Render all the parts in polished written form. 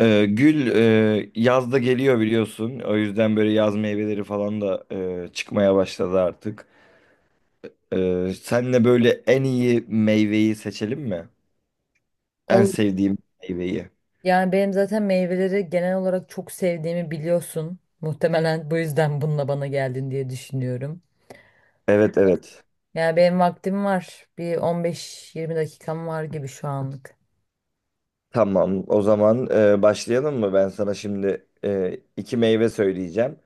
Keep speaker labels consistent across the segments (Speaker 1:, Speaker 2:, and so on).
Speaker 1: Yazda geliyor biliyorsun. O yüzden böyle yaz meyveleri falan da çıkmaya başladı artık. Senle böyle en iyi meyveyi seçelim mi? En
Speaker 2: Olur.
Speaker 1: sevdiğim meyveyi.
Speaker 2: Yani benim zaten meyveleri genel olarak çok sevdiğimi biliyorsun. Muhtemelen bu yüzden bununla bana geldin diye düşünüyorum.
Speaker 1: Evet evet.
Speaker 2: Yani benim vaktim var. Bir 15-20 dakikam var gibi şu anlık.
Speaker 1: Tamam. O zaman başlayalım mı? Ben sana şimdi iki meyve söyleyeceğim.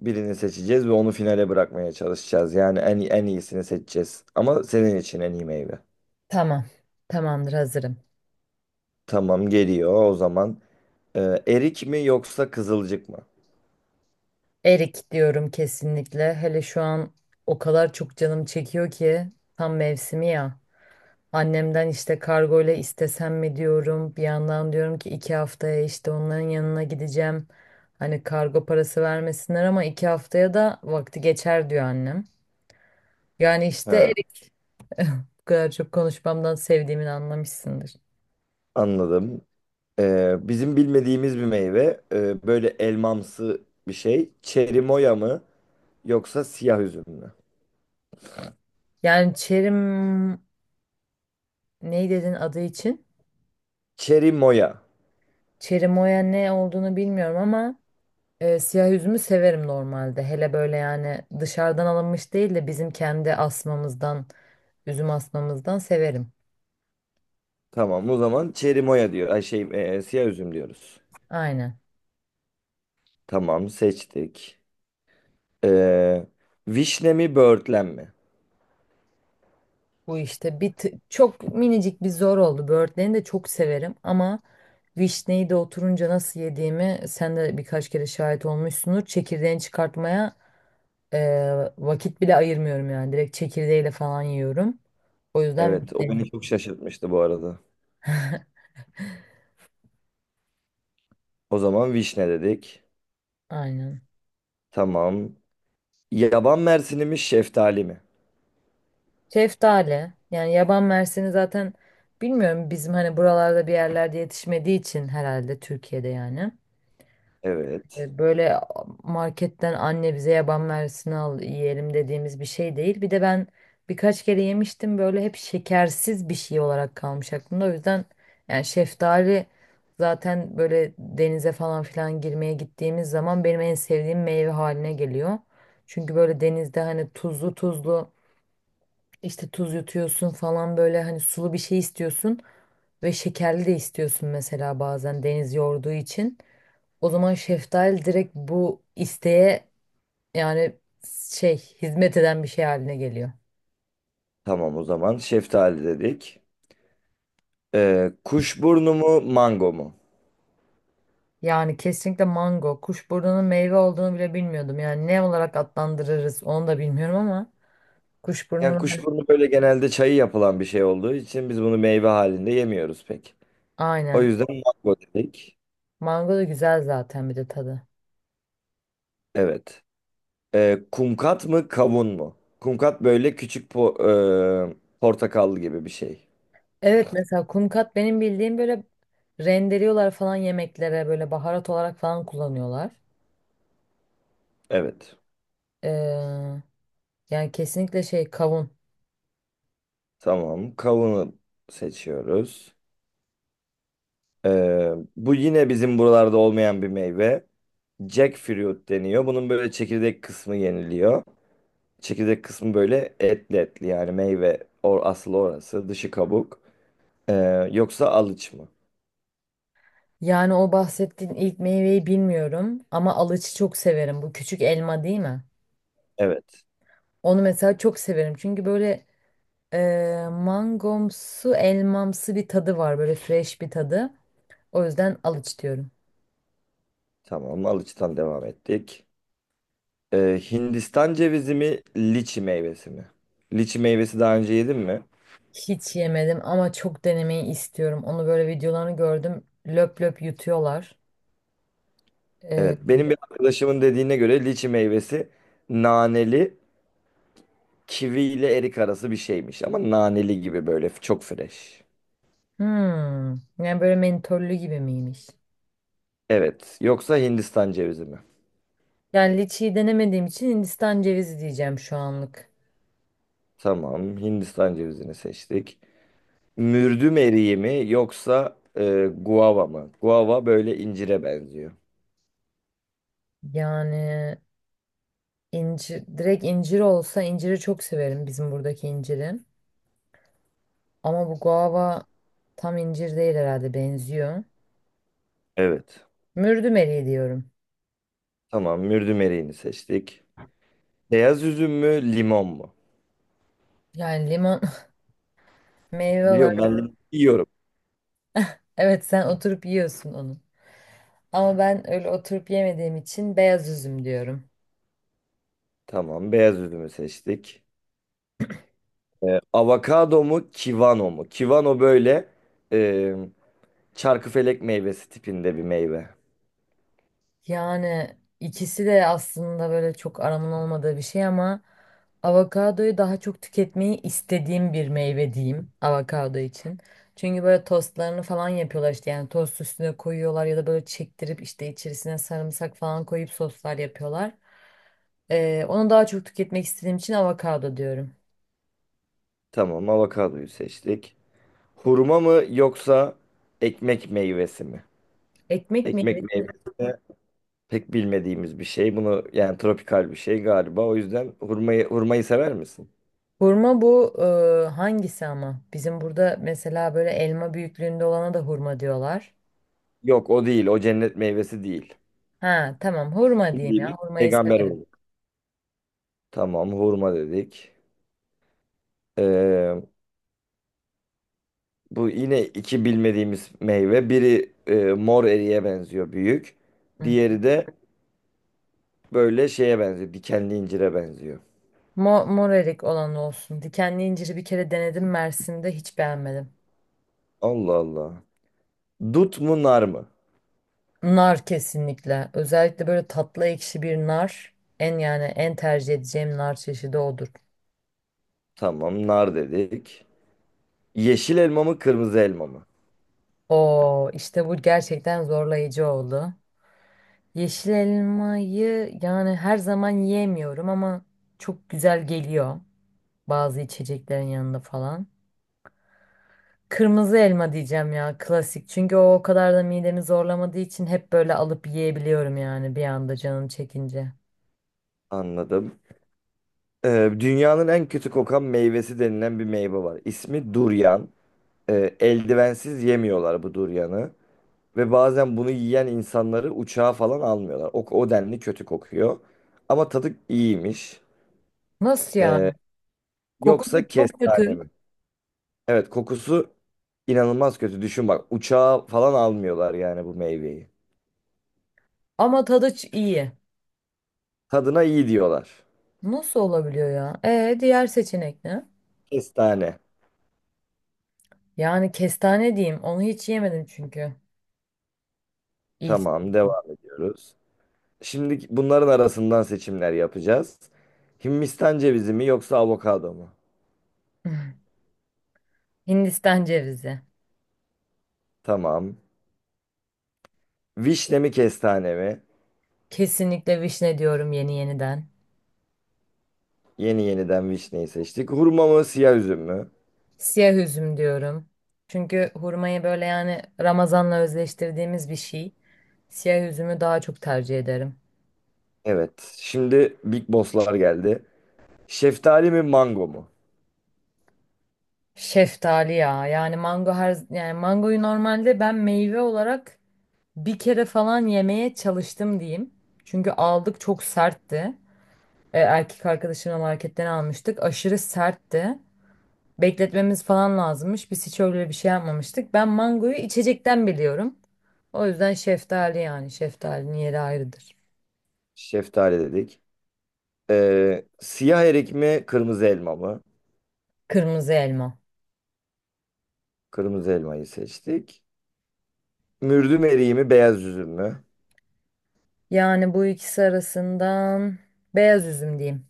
Speaker 1: Birini seçeceğiz ve onu finale bırakmaya çalışacağız. Yani en iyisini seçeceğiz. Ama senin için en iyi meyve.
Speaker 2: Tamam. Tamamdır hazırım.
Speaker 1: Tamam geliyor o zaman. Erik mi yoksa kızılcık mı?
Speaker 2: Erik diyorum kesinlikle. Hele şu an o kadar çok canım çekiyor ki tam mevsimi ya. Annemden işte kargo ile istesem mi diyorum. Bir yandan diyorum ki iki haftaya işte onların yanına gideceğim. Hani kargo parası vermesinler ama iki haftaya da vakti geçer diyor annem. Yani işte
Speaker 1: He.
Speaker 2: Erik bu kadar çok konuşmamdan sevdiğimi anlamışsındır.
Speaker 1: Anladım. Bizim bilmediğimiz bir meyve. Böyle elmamsı bir şey. Çerimoya mı yoksa siyah üzüm mü?
Speaker 2: Yani Çerim ne dedin adı için?
Speaker 1: Çerimoya.
Speaker 2: Çerimoya ne olduğunu bilmiyorum ama siyah üzümü severim normalde. Hele böyle yani dışarıdan alınmış değil de bizim kendi asmamızdan, üzüm asmamızdan severim.
Speaker 1: Tamam o zaman çerimoya diyor. Siyah üzüm diyoruz.
Speaker 2: Aynen.
Speaker 1: Tamam seçtik. Ee, Vişne mi böğürtlen mi?
Speaker 2: Bu işte çok minicik bir zor oldu. Böğürtlerini de çok severim ama vişneyi de oturunca nasıl yediğimi sen de birkaç kere şahit olmuşsundur. Çekirdeğini çıkartmaya e, vakit bile ayırmıyorum yani. Direkt çekirdeğiyle falan yiyorum. O yüzden
Speaker 1: Evet o beni
Speaker 2: vişne.
Speaker 1: çok şaşırtmıştı bu arada. O zaman vişne dedik.
Speaker 2: Aynen.
Speaker 1: Tamam. Yaban mersini mi şeftali mi?
Speaker 2: Şeftali. Yani yaban mersini zaten bilmiyorum bizim hani buralarda bir yerlerde yetişmediği için herhalde Türkiye'de yani.
Speaker 1: Evet.
Speaker 2: Böyle marketten anne bize yaban mersini al yiyelim dediğimiz bir şey değil. Bir de ben birkaç kere yemiştim böyle hep şekersiz bir şey olarak kalmış aklımda. O yüzden yani şeftali zaten böyle denize falan filan girmeye gittiğimiz zaman benim en sevdiğim meyve haline geliyor. Çünkü böyle denizde hani tuzlu tuzlu işte tuz yutuyorsun falan böyle hani sulu bir şey istiyorsun ve şekerli de istiyorsun mesela bazen deniz yorduğu için. O zaman şeftali direkt bu isteğe yani şey hizmet eden bir şey haline geliyor.
Speaker 1: Tamam o zaman şeftali dedik. Kuşburnu mu mango mu?
Speaker 2: Yani kesinlikle mango. Kuşburnunun meyve olduğunu bile bilmiyordum. Yani ne olarak adlandırırız onu da bilmiyorum ama
Speaker 1: Yani
Speaker 2: kuşburnunun hani
Speaker 1: kuşburnu böyle genelde çayı yapılan bir şey olduğu için biz bunu meyve halinde yemiyoruz pek. O
Speaker 2: aynen.
Speaker 1: yüzden mango dedik.
Speaker 2: Mango da güzel zaten bir de tadı.
Speaker 1: Evet. Kumkat mı kavun mu? Kumkat böyle portakal gibi bir şey.
Speaker 2: Evet mesela kumkat benim bildiğim böyle rendeliyorlar falan yemeklere böyle baharat olarak falan kullanıyorlar.
Speaker 1: Evet.
Speaker 2: Ee, Yani kesinlikle şey kavun.
Speaker 1: Tamam. Kavunu seçiyoruz. Bu yine bizim buralarda olmayan bir meyve. Jackfruit deniyor. Bunun böyle çekirdek kısmı yeniliyor. Çekirdek kısmı böyle etli etli yani meyve or asıl orası dışı kabuk. Yoksa alıç mı?
Speaker 2: Yani o bahsettiğin ilk meyveyi bilmiyorum ama alıcı çok severim. Bu küçük elma değil mi?
Speaker 1: Evet.
Speaker 2: Onu mesela çok severim. Çünkü böyle mangomsu, elmamsı bir tadı var. Böyle fresh bir tadı. O yüzden alıç diyorum.
Speaker 1: Tamam. Alıç'tan devam ettik. Hindistan cevizi mi? Liçi meyvesi mi? Liçi meyvesi daha önce yedin mi?
Speaker 2: Hiç yemedim ama çok denemeyi istiyorum. Onu böyle videolarını gördüm. Löp löp yutuyorlar. E,
Speaker 1: Evet. Benim bir arkadaşımın dediğine göre liçi meyvesi naneli, kivi ile erik arası bir şeymiş. Ama naneli gibi böyle çok fresh.
Speaker 2: hmm, yani böyle mentollü gibi miymiş?
Speaker 1: Evet. Yoksa Hindistan cevizi mi?
Speaker 2: Yani liçiyi denemediğim için Hindistan cevizi diyeceğim şu anlık.
Speaker 1: Tamam. Hindistan cevizini seçtik. Mürdüm eriği mi? Yoksa guava mı? Guava böyle incire benziyor.
Speaker 2: Yani İncir, direkt incir olsa inciri çok severim bizim buradaki inciri. Ama bu guava tam incir değil herhalde benziyor.
Speaker 1: Evet.
Speaker 2: Mürdüm eriği diyorum.
Speaker 1: Tamam, mürdüm eriğini seçtik. Beyaz üzüm mü, limon mu?
Speaker 2: Yani limon meyve
Speaker 1: Biliyorum
Speaker 2: olarak
Speaker 1: ben limon yiyorum.
Speaker 2: evet sen oturup yiyorsun onu. Ama ben öyle oturup yemediğim için beyaz üzüm diyorum.
Speaker 1: Tamam, beyaz üzümü seçtik. Avokado mu, kivano mu? Kivano böyle e, çarkıfelek meyvesi tipinde bir meyve.
Speaker 2: Yani ikisi de aslında böyle çok aramın olmadığı bir şey ama avokadoyu daha çok tüketmeyi istediğim bir meyve diyeyim avokado için. Çünkü böyle tostlarını falan yapıyorlar işte yani tost üstüne koyuyorlar ya da böyle çektirip işte içerisine sarımsak falan koyup soslar yapıyorlar. Onu daha çok tüketmek istediğim için avokado diyorum.
Speaker 1: Tamam, avokadoyu seçtik. Hurma mı yoksa ekmek meyvesi mi?
Speaker 2: Ekmek
Speaker 1: Ekmek
Speaker 2: meyvesi.
Speaker 1: meyvesi de pek bilmediğimiz bir şey. Bunu yani tropikal bir şey galiba. O yüzden hurmayı sever misin?
Speaker 2: Hurma bu hangisi ama? Bizim burada mesela böyle elma büyüklüğünde olana da hurma diyorlar.
Speaker 1: Yok, o değil. O cennet meyvesi değil.
Speaker 2: Ha tamam hurma diyeyim
Speaker 1: Bildiğimiz
Speaker 2: ya. Hurmayı
Speaker 1: peygamber
Speaker 2: severim.
Speaker 1: hurması. Tamam hurma dedik. Ee, Bu yine iki bilmediğimiz meyve. Biri mor eriye benziyor büyük.
Speaker 2: Hı.
Speaker 1: Diğeri de böyle şeye benziyor. Dikenli incire benziyor.
Speaker 2: Mor erik olan olsun. Dikenli inciri bir kere denedim Mersin'de hiç beğenmedim.
Speaker 1: Allah Allah. Dut mu nar mı?
Speaker 2: Nar kesinlikle. Özellikle böyle tatlı ekşi bir nar. En yani en tercih edeceğim nar çeşidi odur.
Speaker 1: Tamam nar dedik. Yeşil elma mı kırmızı elma mı?
Speaker 2: Oo işte bu gerçekten zorlayıcı oldu. Yeşil elmayı yani her zaman yiyemiyorum ama çok güzel geliyor. Bazı içeceklerin yanında falan. Kırmızı elma diyeceğim ya klasik. Çünkü o kadar da midemi zorlamadığı için hep böyle alıp yiyebiliyorum yani bir anda canım çekince.
Speaker 1: Anladım. Dünyanın en kötü kokan meyvesi denilen bir meyve var. İsmi duryan. Eldivensiz yemiyorlar bu duryanı. Ve bazen bunu yiyen insanları uçağa falan almıyorlar. O, o denli kötü kokuyor. Ama tadı iyiymiş.
Speaker 2: Nasıl yani?
Speaker 1: Ee,
Speaker 2: Kokusu
Speaker 1: Yoksa
Speaker 2: çok
Speaker 1: kestane
Speaker 2: kötü
Speaker 1: mi? Evet kokusu inanılmaz kötü. Düşün bak uçağa falan almıyorlar yani bu meyveyi.
Speaker 2: ama tadı iyi.
Speaker 1: Tadına iyi diyorlar.
Speaker 2: Nasıl olabiliyor ya? E diğer seçenek ne?
Speaker 1: Kestane.
Speaker 2: Yani kestane diyeyim. Onu hiç yemedim çünkü. İlk.
Speaker 1: Tamam devam ediyoruz. Şimdi bunların arasından seçimler yapacağız. Hindistan cevizi mi yoksa avokado mu?
Speaker 2: Hindistan cevizi.
Speaker 1: Tamam. Vişne mi kestane mi?
Speaker 2: Kesinlikle vişne diyorum yeni yeniden.
Speaker 1: Yeni yeniden vişneyi seçtik. Hurma mı siyah üzüm mü?
Speaker 2: Siyah üzüm diyorum. Çünkü hurmayı böyle yani Ramazan'la özleştirdiğimiz bir şey. Siyah üzümü daha çok tercih ederim.
Speaker 1: Evet. Şimdi Big Boss'lar geldi. Şeftali mi mango mu?
Speaker 2: Şeftali ya. Yani mango her yani mangoyu normalde ben meyve olarak bir kere falan yemeye çalıştım diyeyim. Çünkü aldık çok sertti. Erkek arkadaşımla marketten almıştık. Aşırı sertti. Bekletmemiz falan lazımmış. Biz hiç öyle bir şey yapmamıştık. Ben mangoyu içecekten biliyorum. O yüzden şeftali yani şeftalinin yeri ayrıdır.
Speaker 1: Şeftali dedik. Siyah erik mi kırmızı elma mı?
Speaker 2: Kırmızı elma.
Speaker 1: Kırmızı elmayı seçtik. Mürdüm eriği mi beyaz üzüm mü?
Speaker 2: Yani bu ikisi arasından beyaz üzüm diyeyim.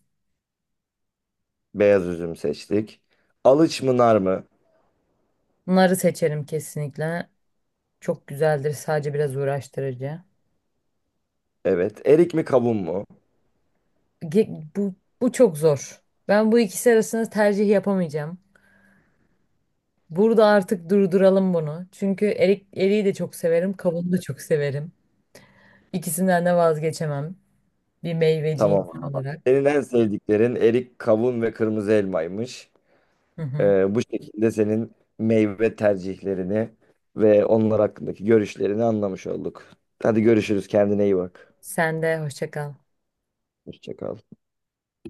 Speaker 1: Beyaz üzüm seçtik. Alıç mı nar mı?
Speaker 2: Narı seçerim kesinlikle. Çok güzeldir, sadece biraz uğraştırıcı.
Speaker 1: Evet. Erik mi kavun mu?
Speaker 2: Bu, bu çok zor. Ben bu ikisi arasında tercih yapamayacağım. Burada artık durduralım bunu. Çünkü erik, eriği de çok severim, kabuğunu da çok severim. İkisinden de vazgeçemem. Bir meyveci
Speaker 1: Tamam.
Speaker 2: insan
Speaker 1: Anladım.
Speaker 2: olarak.
Speaker 1: Senin en sevdiklerin erik, kavun ve kırmızı elmaymış.
Speaker 2: Hı hı.
Speaker 1: Bu şekilde senin meyve tercihlerini ve onlar hakkındaki görüşlerini anlamış olduk. Hadi görüşürüz. Kendine iyi bak.
Speaker 2: Sen de hoşça kal.
Speaker 1: Hoşça kal.